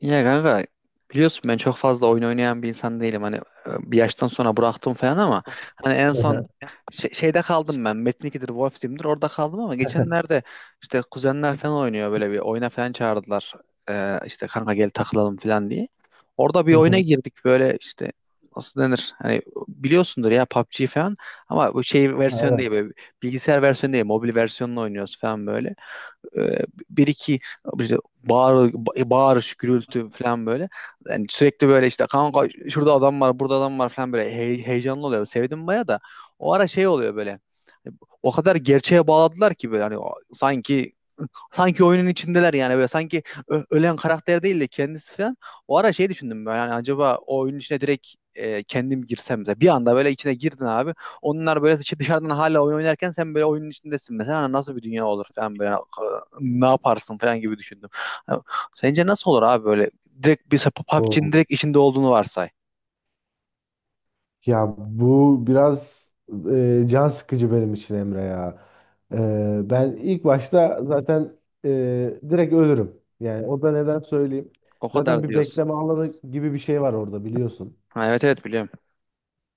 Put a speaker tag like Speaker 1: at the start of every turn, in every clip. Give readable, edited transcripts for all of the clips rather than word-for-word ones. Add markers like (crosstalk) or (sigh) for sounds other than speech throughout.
Speaker 1: Ya kanka biliyorsun ben çok fazla oyun oynayan bir insan değilim. Hani bir yaştan sonra bıraktım falan ama hani en son şeyde kaldım ben. Metin 2'dir, Wolf Team'dir orada kaldım ama geçenlerde işte kuzenler falan oynuyor böyle bir oyuna falan çağırdılar. İşte kanka gel takılalım falan diye. Orada bir oyuna girdik böyle işte nasıl denir? Hani biliyorsundur ya PUBG falan ama bu şey versiyon değil böyle bilgisayar versiyonu değil mobil versiyonunu oynuyoruz falan böyle e, bir iki işte bağır, bağırış, gürültü falan böyle. Yani sürekli böyle işte kanka şurada adam var, burada adam var falan böyle heyecanlı oluyor. Sevdim baya da. O ara şey oluyor böyle. O kadar gerçeğe bağladılar ki böyle hani sanki oyunun içindeler yani böyle sanki ölen karakter değil de kendisi falan. O ara şey düşündüm ben yani acaba o oyunun içine direkt kendim girsem de bir anda böyle içine girdin abi. Onlar böyle dışarıdan hala oyun oynarken sen böyle oyunun içindesin mesela Hani nasıl bir dünya olur falan böyle hani, ne yaparsın falan gibi düşündüm. Ha, sence nasıl olur abi böyle direkt bir PUBG'nin
Speaker 2: Oo.
Speaker 1: direkt içinde olduğunu varsay.
Speaker 2: Ya bu biraz can sıkıcı benim için Emre ya. Ben ilk başta zaten direkt ölürüm. Yani o da neden söyleyeyim.
Speaker 1: O
Speaker 2: Zaten
Speaker 1: kadar
Speaker 2: bir
Speaker 1: diyorsun.
Speaker 2: bekleme alanı gibi bir şey var orada biliyorsun.
Speaker 1: Ha, evet evet biliyorum.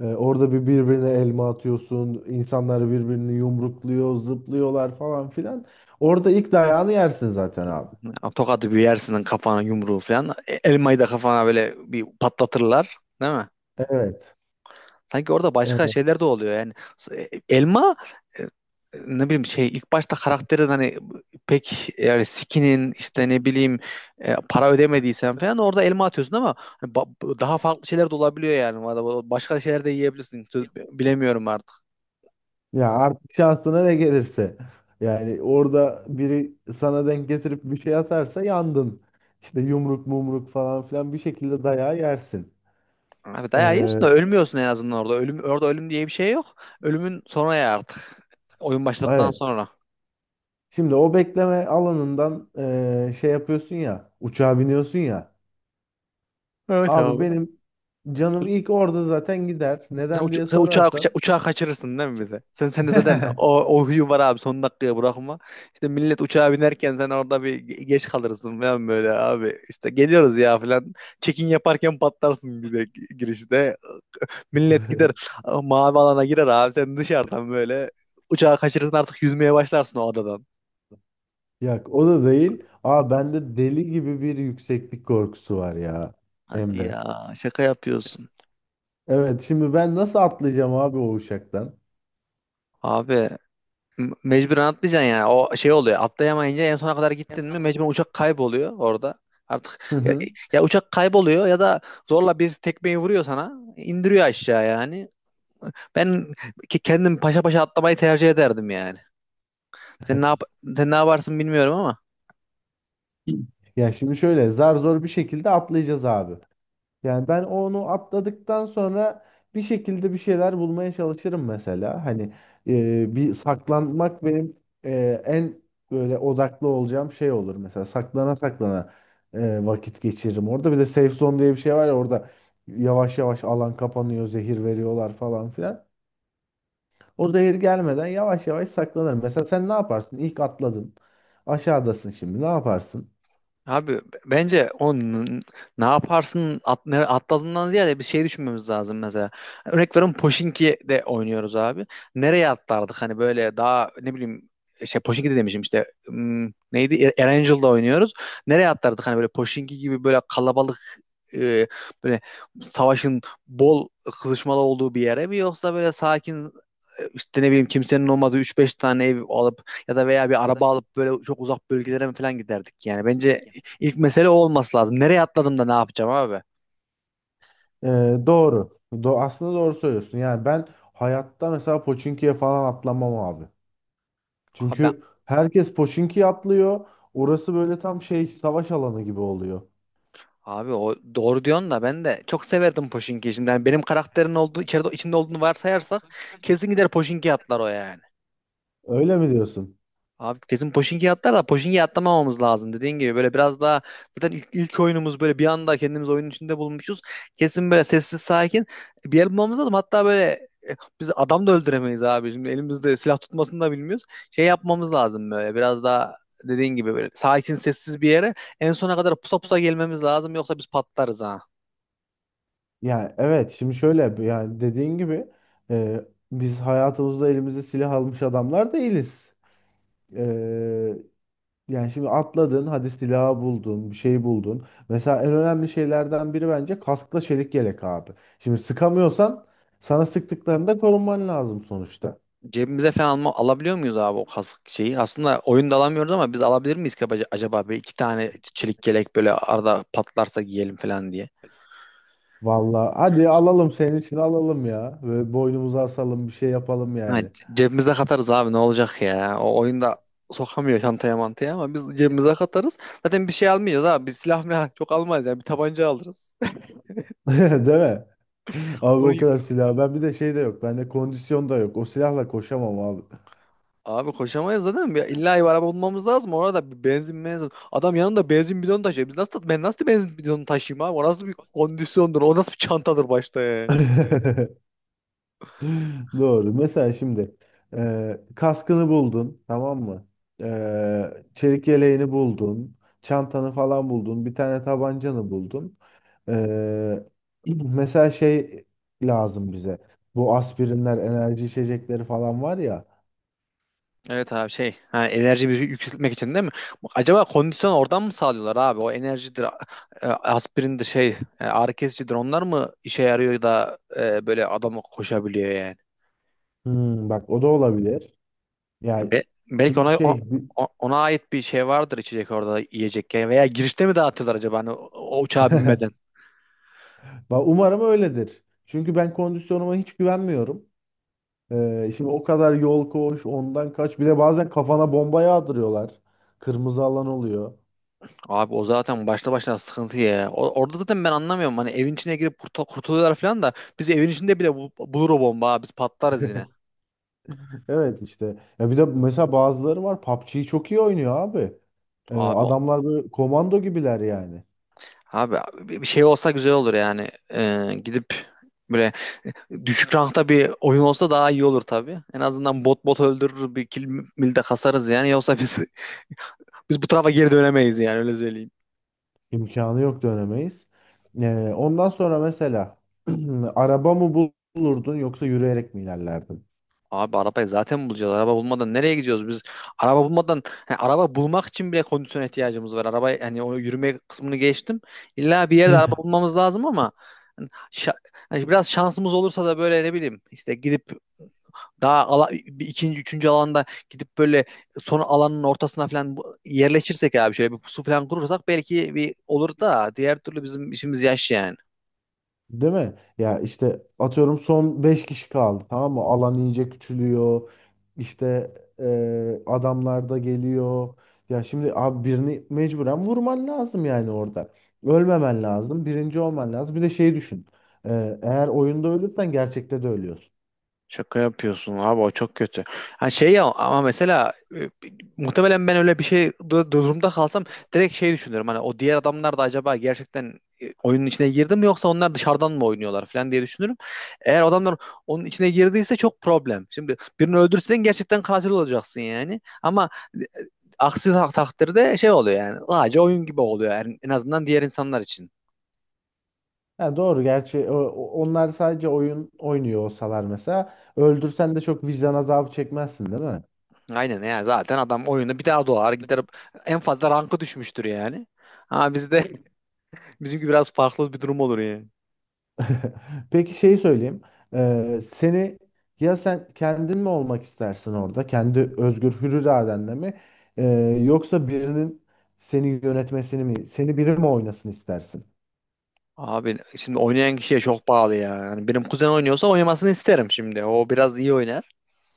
Speaker 2: Orada birbirine elma atıyorsun. İnsanlar birbirini yumrukluyor, zıplıyorlar falan filan. Orada ilk dayağını yersin zaten abi.
Speaker 1: Tokadı bir yersin kafana yumruğu falan. Elmayı da kafana böyle bir patlatırlar. Değil mi?
Speaker 2: Evet.
Speaker 1: Sanki orada başka
Speaker 2: Evet.
Speaker 1: şeyler de oluyor yani. Elma e, ne bileyim şey ilk başta karakterin hani pek yani skinin işte ne bileyim para ödemediysen falan orada elma atıyorsun ama hani daha farklı şeyler de olabiliyor yani. Valla, başka şeyler de yiyebilirsin. Bilemiyorum artık.
Speaker 2: Ya artık şansına ne gelirse. Yani orada biri sana denk getirip bir şey atarsa yandın. İşte yumruk mumruk falan filan bir şekilde dayağı yersin.
Speaker 1: Abi dayağı yiyorsun
Speaker 2: Ee,
Speaker 1: da ölmüyorsun en azından orada. Ölüm, orada ölüm diye bir şey yok. Ölümün sonra ya artık. Oyun başladıktan
Speaker 2: evet.
Speaker 1: sonra.
Speaker 2: Şimdi o bekleme alanından şey yapıyorsun ya. Uçağa biniyorsun ya.
Speaker 1: Evet
Speaker 2: Abi
Speaker 1: abi.
Speaker 2: benim canım ilk orada zaten gider.
Speaker 1: Sen,
Speaker 2: Neden
Speaker 1: uça-
Speaker 2: diye
Speaker 1: sen uçağı, uça-
Speaker 2: sorarsan.
Speaker 1: uçağı kaçırırsın değil mi bize? Sen de zaten o,
Speaker 2: (laughs)
Speaker 1: o huyu var abi son dakikaya bırakma. İşte millet uçağa binerken sen orada bir geç kalırsın falan böyle abi. İşte geliyoruz ya falan. Check-in yaparken patlarsın bir de girişte. Millet gider mavi alana girer abi sen dışarıdan böyle uçağı kaçırırsın artık yüzmeye başlarsın o adadan.
Speaker 2: Yok o da değil. Aa bende deli gibi bir yükseklik korkusu var ya
Speaker 1: Hadi
Speaker 2: Emre.
Speaker 1: ya şaka yapıyorsun.
Speaker 2: Evet şimdi ben nasıl atlayacağım abi o uçaktan?
Speaker 1: Abi Mecburen atlayacaksın yani. O şey oluyor. Atlayamayınca en sona kadar gittin mi mecburen uçak kayboluyor orada.
Speaker 2: Hı
Speaker 1: Artık ya,
Speaker 2: hı.
Speaker 1: ya uçak kayboluyor ya da zorla bir tekmeyi vuruyor sana, indiriyor aşağı yani. Ben ki kendim paşa paşa atlamayı tercih ederdim yani. Sen ne yap sen ne yaparsın bilmiyorum ama.
Speaker 2: Ya şimdi şöyle zar zor bir şekilde atlayacağız abi. Yani ben onu atladıktan sonra bir şekilde bir şeyler bulmaya çalışırım mesela. Hani bir saklanmak benim en böyle odaklı olacağım şey olur mesela. Saklana saklana vakit geçiririm. Orada bir de safe zone diye bir şey var ya orada yavaş yavaş alan kapanıyor, zehir veriyorlar falan filan. O zehir gelmeden yavaş yavaş saklanırım. Mesela sen ne yaparsın? İlk atladın. Aşağıdasın şimdi. Ne yaparsın?
Speaker 1: Abi bence o ne yaparsın atladığından ziyade bir şey düşünmemiz lazım mesela. Örnek veriyorum Pochinki'de de oynuyoruz abi. Nereye atlardık hani böyle daha ne bileyim şey Pochinki de demişim işte neydi Erangel'da oynuyoruz. Nereye atlardık hani böyle Pochinki gibi böyle kalabalık e, böyle savaşın bol kızışmalı olduğu bir yere mi yoksa böyle sakin işte ne bileyim kimsenin olmadığı 3-5 tane ev alıp ya da veya bir araba alıp böyle çok uzak bölgelere mi falan giderdik yani. Bence ilk mesele o olması lazım. Nereye atladım da ne yapacağım abi?
Speaker 2: Ee, doğru. Aslında doğru söylüyorsun. Yani ben hayatta mesela Pochinki'ye falan atlamam abi.
Speaker 1: Abi
Speaker 2: Çünkü herkes Pochinki'ye atlıyor. Orası böyle tam şey savaş alanı gibi oluyor.
Speaker 1: abi o doğru diyorsun da ben de çok severdim Pochinki'yi. Şimdi yani benim karakterin olduğu içinde olduğunu varsayarsak kesin gider Pochinki atlar o yani.
Speaker 2: Öyle mi diyorsun?
Speaker 1: Abi kesin Pochinki atlar da Pochinki atlamamamız lazım dediğin gibi böyle biraz daha zaten ilk oyunumuz böyle bir anda kendimiz oyunun içinde bulmuşuz. Kesin böyle sessiz sakin bir yer bulmamız lazım. Hatta böyle biz adam da öldüremeyiz abi. Şimdi elimizde silah tutmasını da bilmiyoruz. Şey yapmamız lazım böyle. Biraz daha dediğin gibi böyle sakin sessiz bir yere en sona kadar pusa pusa gelmemiz lazım yoksa biz patlarız ha.
Speaker 2: Yani evet şimdi şöyle yani dediğin gibi e, biz hayatımızda elimize silah almış adamlar değiliz. E, Yani şimdi atladın, hadi silahı buldun, bir şey buldun. Mesela en önemli şeylerden biri bence kaskla çelik yelek abi. Şimdi sıkamıyorsan sana sıktıklarında korunman lazım sonuçta.
Speaker 1: Cebimize falan alabiliyor muyuz abi o kask şeyi? Aslında oyunda alamıyoruz ama biz alabilir miyiz ki acaba bir iki tane çelik yelek böyle arada patlarsa giyelim falan diye.
Speaker 2: Vallahi hadi alalım senin için alalım ya. Ve boynumuza asalım bir şey yapalım
Speaker 1: Ha,
Speaker 2: yani.
Speaker 1: cebimize katarız abi ne olacak ya? O oyunda sokamıyor çantaya mantaya ama biz cebimize katarız. Zaten bir şey almayacağız abi. Biz silah milah (laughs) çok almayız yani bir tabanca alırız.
Speaker 2: (laughs) Değil mi?
Speaker 1: (laughs)
Speaker 2: Abi
Speaker 1: Onu,
Speaker 2: o kadar silah. Ben bir de şey de yok. Bende kondisyon da yok. O silahla koşamam abi.
Speaker 1: Abi koşamayız zaten. Ya, İlla bir araba bulmamız lazım. Orada bir benzin. Adam yanında benzin bidonu taşıyor. Biz nasıl ben nasıl benzin bidonu taşıyayım abi? O nasıl bir kondisyondur? O nasıl bir çantadır başta yani?
Speaker 2: (laughs) (laughs) Doğru. Mesela şimdi kaskını buldun, tamam mı? Çelik yeleğini buldun, çantanı falan buldun, bir tane tabancanı buldun. E, (clears throat) mesela şey lazım bize. Bu aspirinler, enerji içecekleri falan var ya.
Speaker 1: Evet abi şey ha, enerjimizi yükseltmek için değil mi? Bak, acaba kondisyon oradan mı sağlıyorlar abi? O enerjidir, aspirindir şey, ağrı kesicidir. Onlar mı işe yarıyor da böyle adam koşabiliyor yani?
Speaker 2: Hmm, bak o da olabilir.
Speaker 1: Ya
Speaker 2: Yani
Speaker 1: belki
Speaker 2: çünkü
Speaker 1: ona o- o- ona ait bir şey vardır içecek orada yiyecek yani. Veya girişte mi dağıtıyorlar acaba hani o uçağa binmeden?
Speaker 2: umarım öyledir. Çünkü ben kondisyonuma hiç güvenmiyorum. Şimdi o kadar yol koş, ondan kaç. Bir de bazen kafana bomba yağdırıyorlar. Kırmızı alan oluyor.
Speaker 1: Abi o zaten başta başına sıkıntı ya. Orada zaten ben anlamıyorum. Hani evin içine girip kurtuluyorlar falan da biz evin içinde bile bulur o bomba abi. Biz patlarız yine.
Speaker 2: Evet işte. Ya bir de mesela bazıları var PUBG'yi çok iyi oynuyor abi.
Speaker 1: Abi o-
Speaker 2: Adamlar böyle komando gibiler yani.
Speaker 1: abi bir şey olsa güzel olur yani. Gidip böyle düşük rankta bir oyun olsa daha iyi olur tabii. En azından bot bot öldürür bir kill mil de kasarız yani. Yoksa biz (laughs) biz bu tarafa geri dönemeyiz yani öyle söyleyeyim.
Speaker 2: İmkanı yok dönemeyiz. Ondan sonra mesela (clears throat) araba mı bulurdun yoksa yürüyerek mi ilerlerdin?
Speaker 1: Abi arabayı zaten bulacağız. Araba bulmadan nereye gidiyoruz biz? Araba bulmadan yani araba bulmak için bile kondisyona ihtiyacımız var. Araba yani o yürüme kısmını geçtim. İlla bir yerde araba
Speaker 2: (laughs)
Speaker 1: bulmamız lazım ama hani şa- hani biraz şansımız olursa da böyle ne bileyim işte gidip daha bir ikinci üçüncü alanda gidip böyle son alanın ortasına falan yerleşirsek abi şöyle bir pusu falan kurursak belki bir olur da diğer türlü bizim işimiz yaş yani.
Speaker 2: Değil mi? Ya işte atıyorum son 5 kişi kaldı tamam mı? Alan iyice küçülüyor. İşte adamlar da geliyor. Ya şimdi abi birini mecburen vurman lazım yani orada. Ölmemen lazım. Birinci olman lazım. Bir de şey düşün. Eğer oyunda ölürsen gerçekte de ölüyorsun.
Speaker 1: Şaka yapıyorsun abi o çok kötü. Ha şey ya ama mesela muhtemelen ben öyle bir şey durumda kalsam direkt şey düşünürüm. Hani o diğer adamlar da acaba gerçekten oyunun içine girdi mi yoksa onlar dışarıdan mı oynuyorlar falan diye düşünürüm. Eğer adamlar onun içine girdiyse çok problem. Şimdi birini öldürsen gerçekten katil olacaksın yani. Ama e, aksi takdirde şey oluyor yani. Sadece oyun gibi oluyor yani en azından diğer insanlar için.
Speaker 2: Ya doğru gerçi onlar sadece oyun oynuyor olsalar mesela öldürsen de çok vicdan azabı çekmezsin değil mi?
Speaker 1: Aynen ya zaten adam oyunda bir daha doğar gider en fazla rankı düşmüştür yani. Ha, bizde (laughs) bizimki biraz farklı bir durum olur yani.
Speaker 2: (laughs) Peki şeyi söyleyeyim. Seni Ya sen kendin mi olmak istersin orada? Kendi özgür hür iradenle mi? Ee, Yoksa birinin seni yönetmesini mi? Seni biri mi oynasın istersin?
Speaker 1: Abi şimdi oynayan kişiye çok bağlı ya. Yani benim kuzen oynuyorsa oynamasını isterim şimdi. O biraz iyi oynar.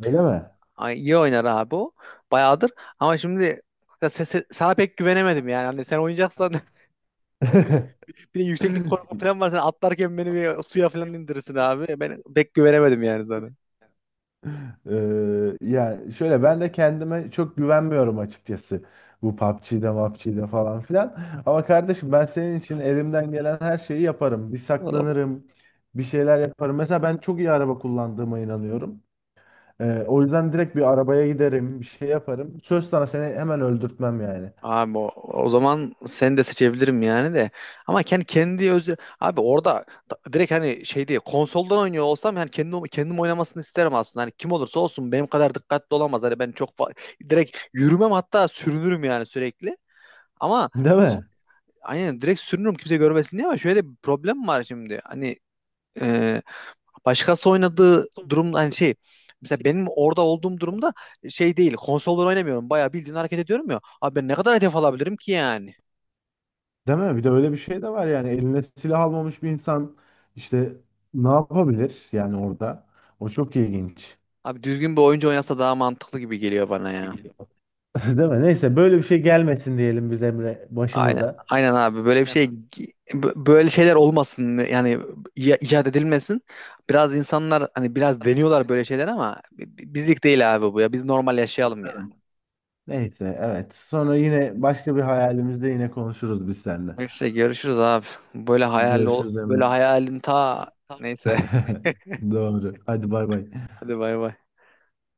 Speaker 2: Öyle
Speaker 1: Ay, iyi oynar abi o. Bayağıdır. Ama şimdi ya sana pek güvenemedim yani. Hani sen oynayacaksan (laughs) bir de yükseklik
Speaker 2: mi?
Speaker 1: korkun
Speaker 2: (laughs)
Speaker 1: falan var. Sen atlarken beni bir suya falan indirirsin abi. Ben pek güvenemedim yani sana.
Speaker 2: Yani şöyle ben de kendime çok güvenmiyorum açıkçası. Bu PUBG'de, MAPC'de falan filan. Ama kardeşim ben senin için elimden gelen her şeyi yaparım. Bir saklanırım, bir şeyler yaparım. Mesela ben çok iyi araba kullandığıma inanıyorum. O yüzden direkt bir arabaya giderim, bir şey yaparım. Söz sana seni hemen öldürtmem yani.
Speaker 1: Abi o zaman seni de seçebilirim yani de. Ama kendi kendi özü abi orada direkt hani şey değil konsoldan oynuyor olsam hani kendim kendim oynamasını isterim aslında. Hani kim olursa olsun benim kadar dikkatli olamaz. Hani ben çok direkt yürümem hatta sürünürüm yani sürekli. Ama
Speaker 2: Değil
Speaker 1: ş-
Speaker 2: mi?
Speaker 1: aynen direkt sürünürüm kimse görmesin diye ama şöyle bir problem var şimdi. Hani e, başkası oynadığı durumda hani şey. Mesela benim orada olduğum durumda şey değil, konsoldan oynamıyorum. Bayağı bildiğin hareket ediyorum ya. Abi ben ne kadar hedef alabilirim ki yani?
Speaker 2: Değil mi? Bir de öyle bir şey de var yani. Eline silah almamış bir insan işte ne yapabilir yani orada? O çok ilginç.
Speaker 1: Abi düzgün bir oyuncu oynasa daha mantıklı gibi geliyor bana ya.
Speaker 2: (laughs) Değil mi? Neyse böyle bir şey gelmesin diyelim biz Emre
Speaker 1: Aynen,
Speaker 2: başımıza.
Speaker 1: aynen abi böyle bir şey böyle şeyler olmasın yani icat edilmesin. Biraz insanlar hani biraz deniyorlar böyle şeyler ama bizlik değil abi bu ya. Biz normal yaşayalım ya.
Speaker 2: Neyse evet. Sonra yine başka bir hayalimizde yine konuşuruz biz seninle.
Speaker 1: Neyse görüşürüz abi. Böyle
Speaker 2: Görüşürüz
Speaker 1: böyle
Speaker 2: Emre.
Speaker 1: hayalin ta neyse. (laughs)
Speaker 2: (laughs) Doğru. Hadi bay bay.
Speaker 1: Hadi bay bay.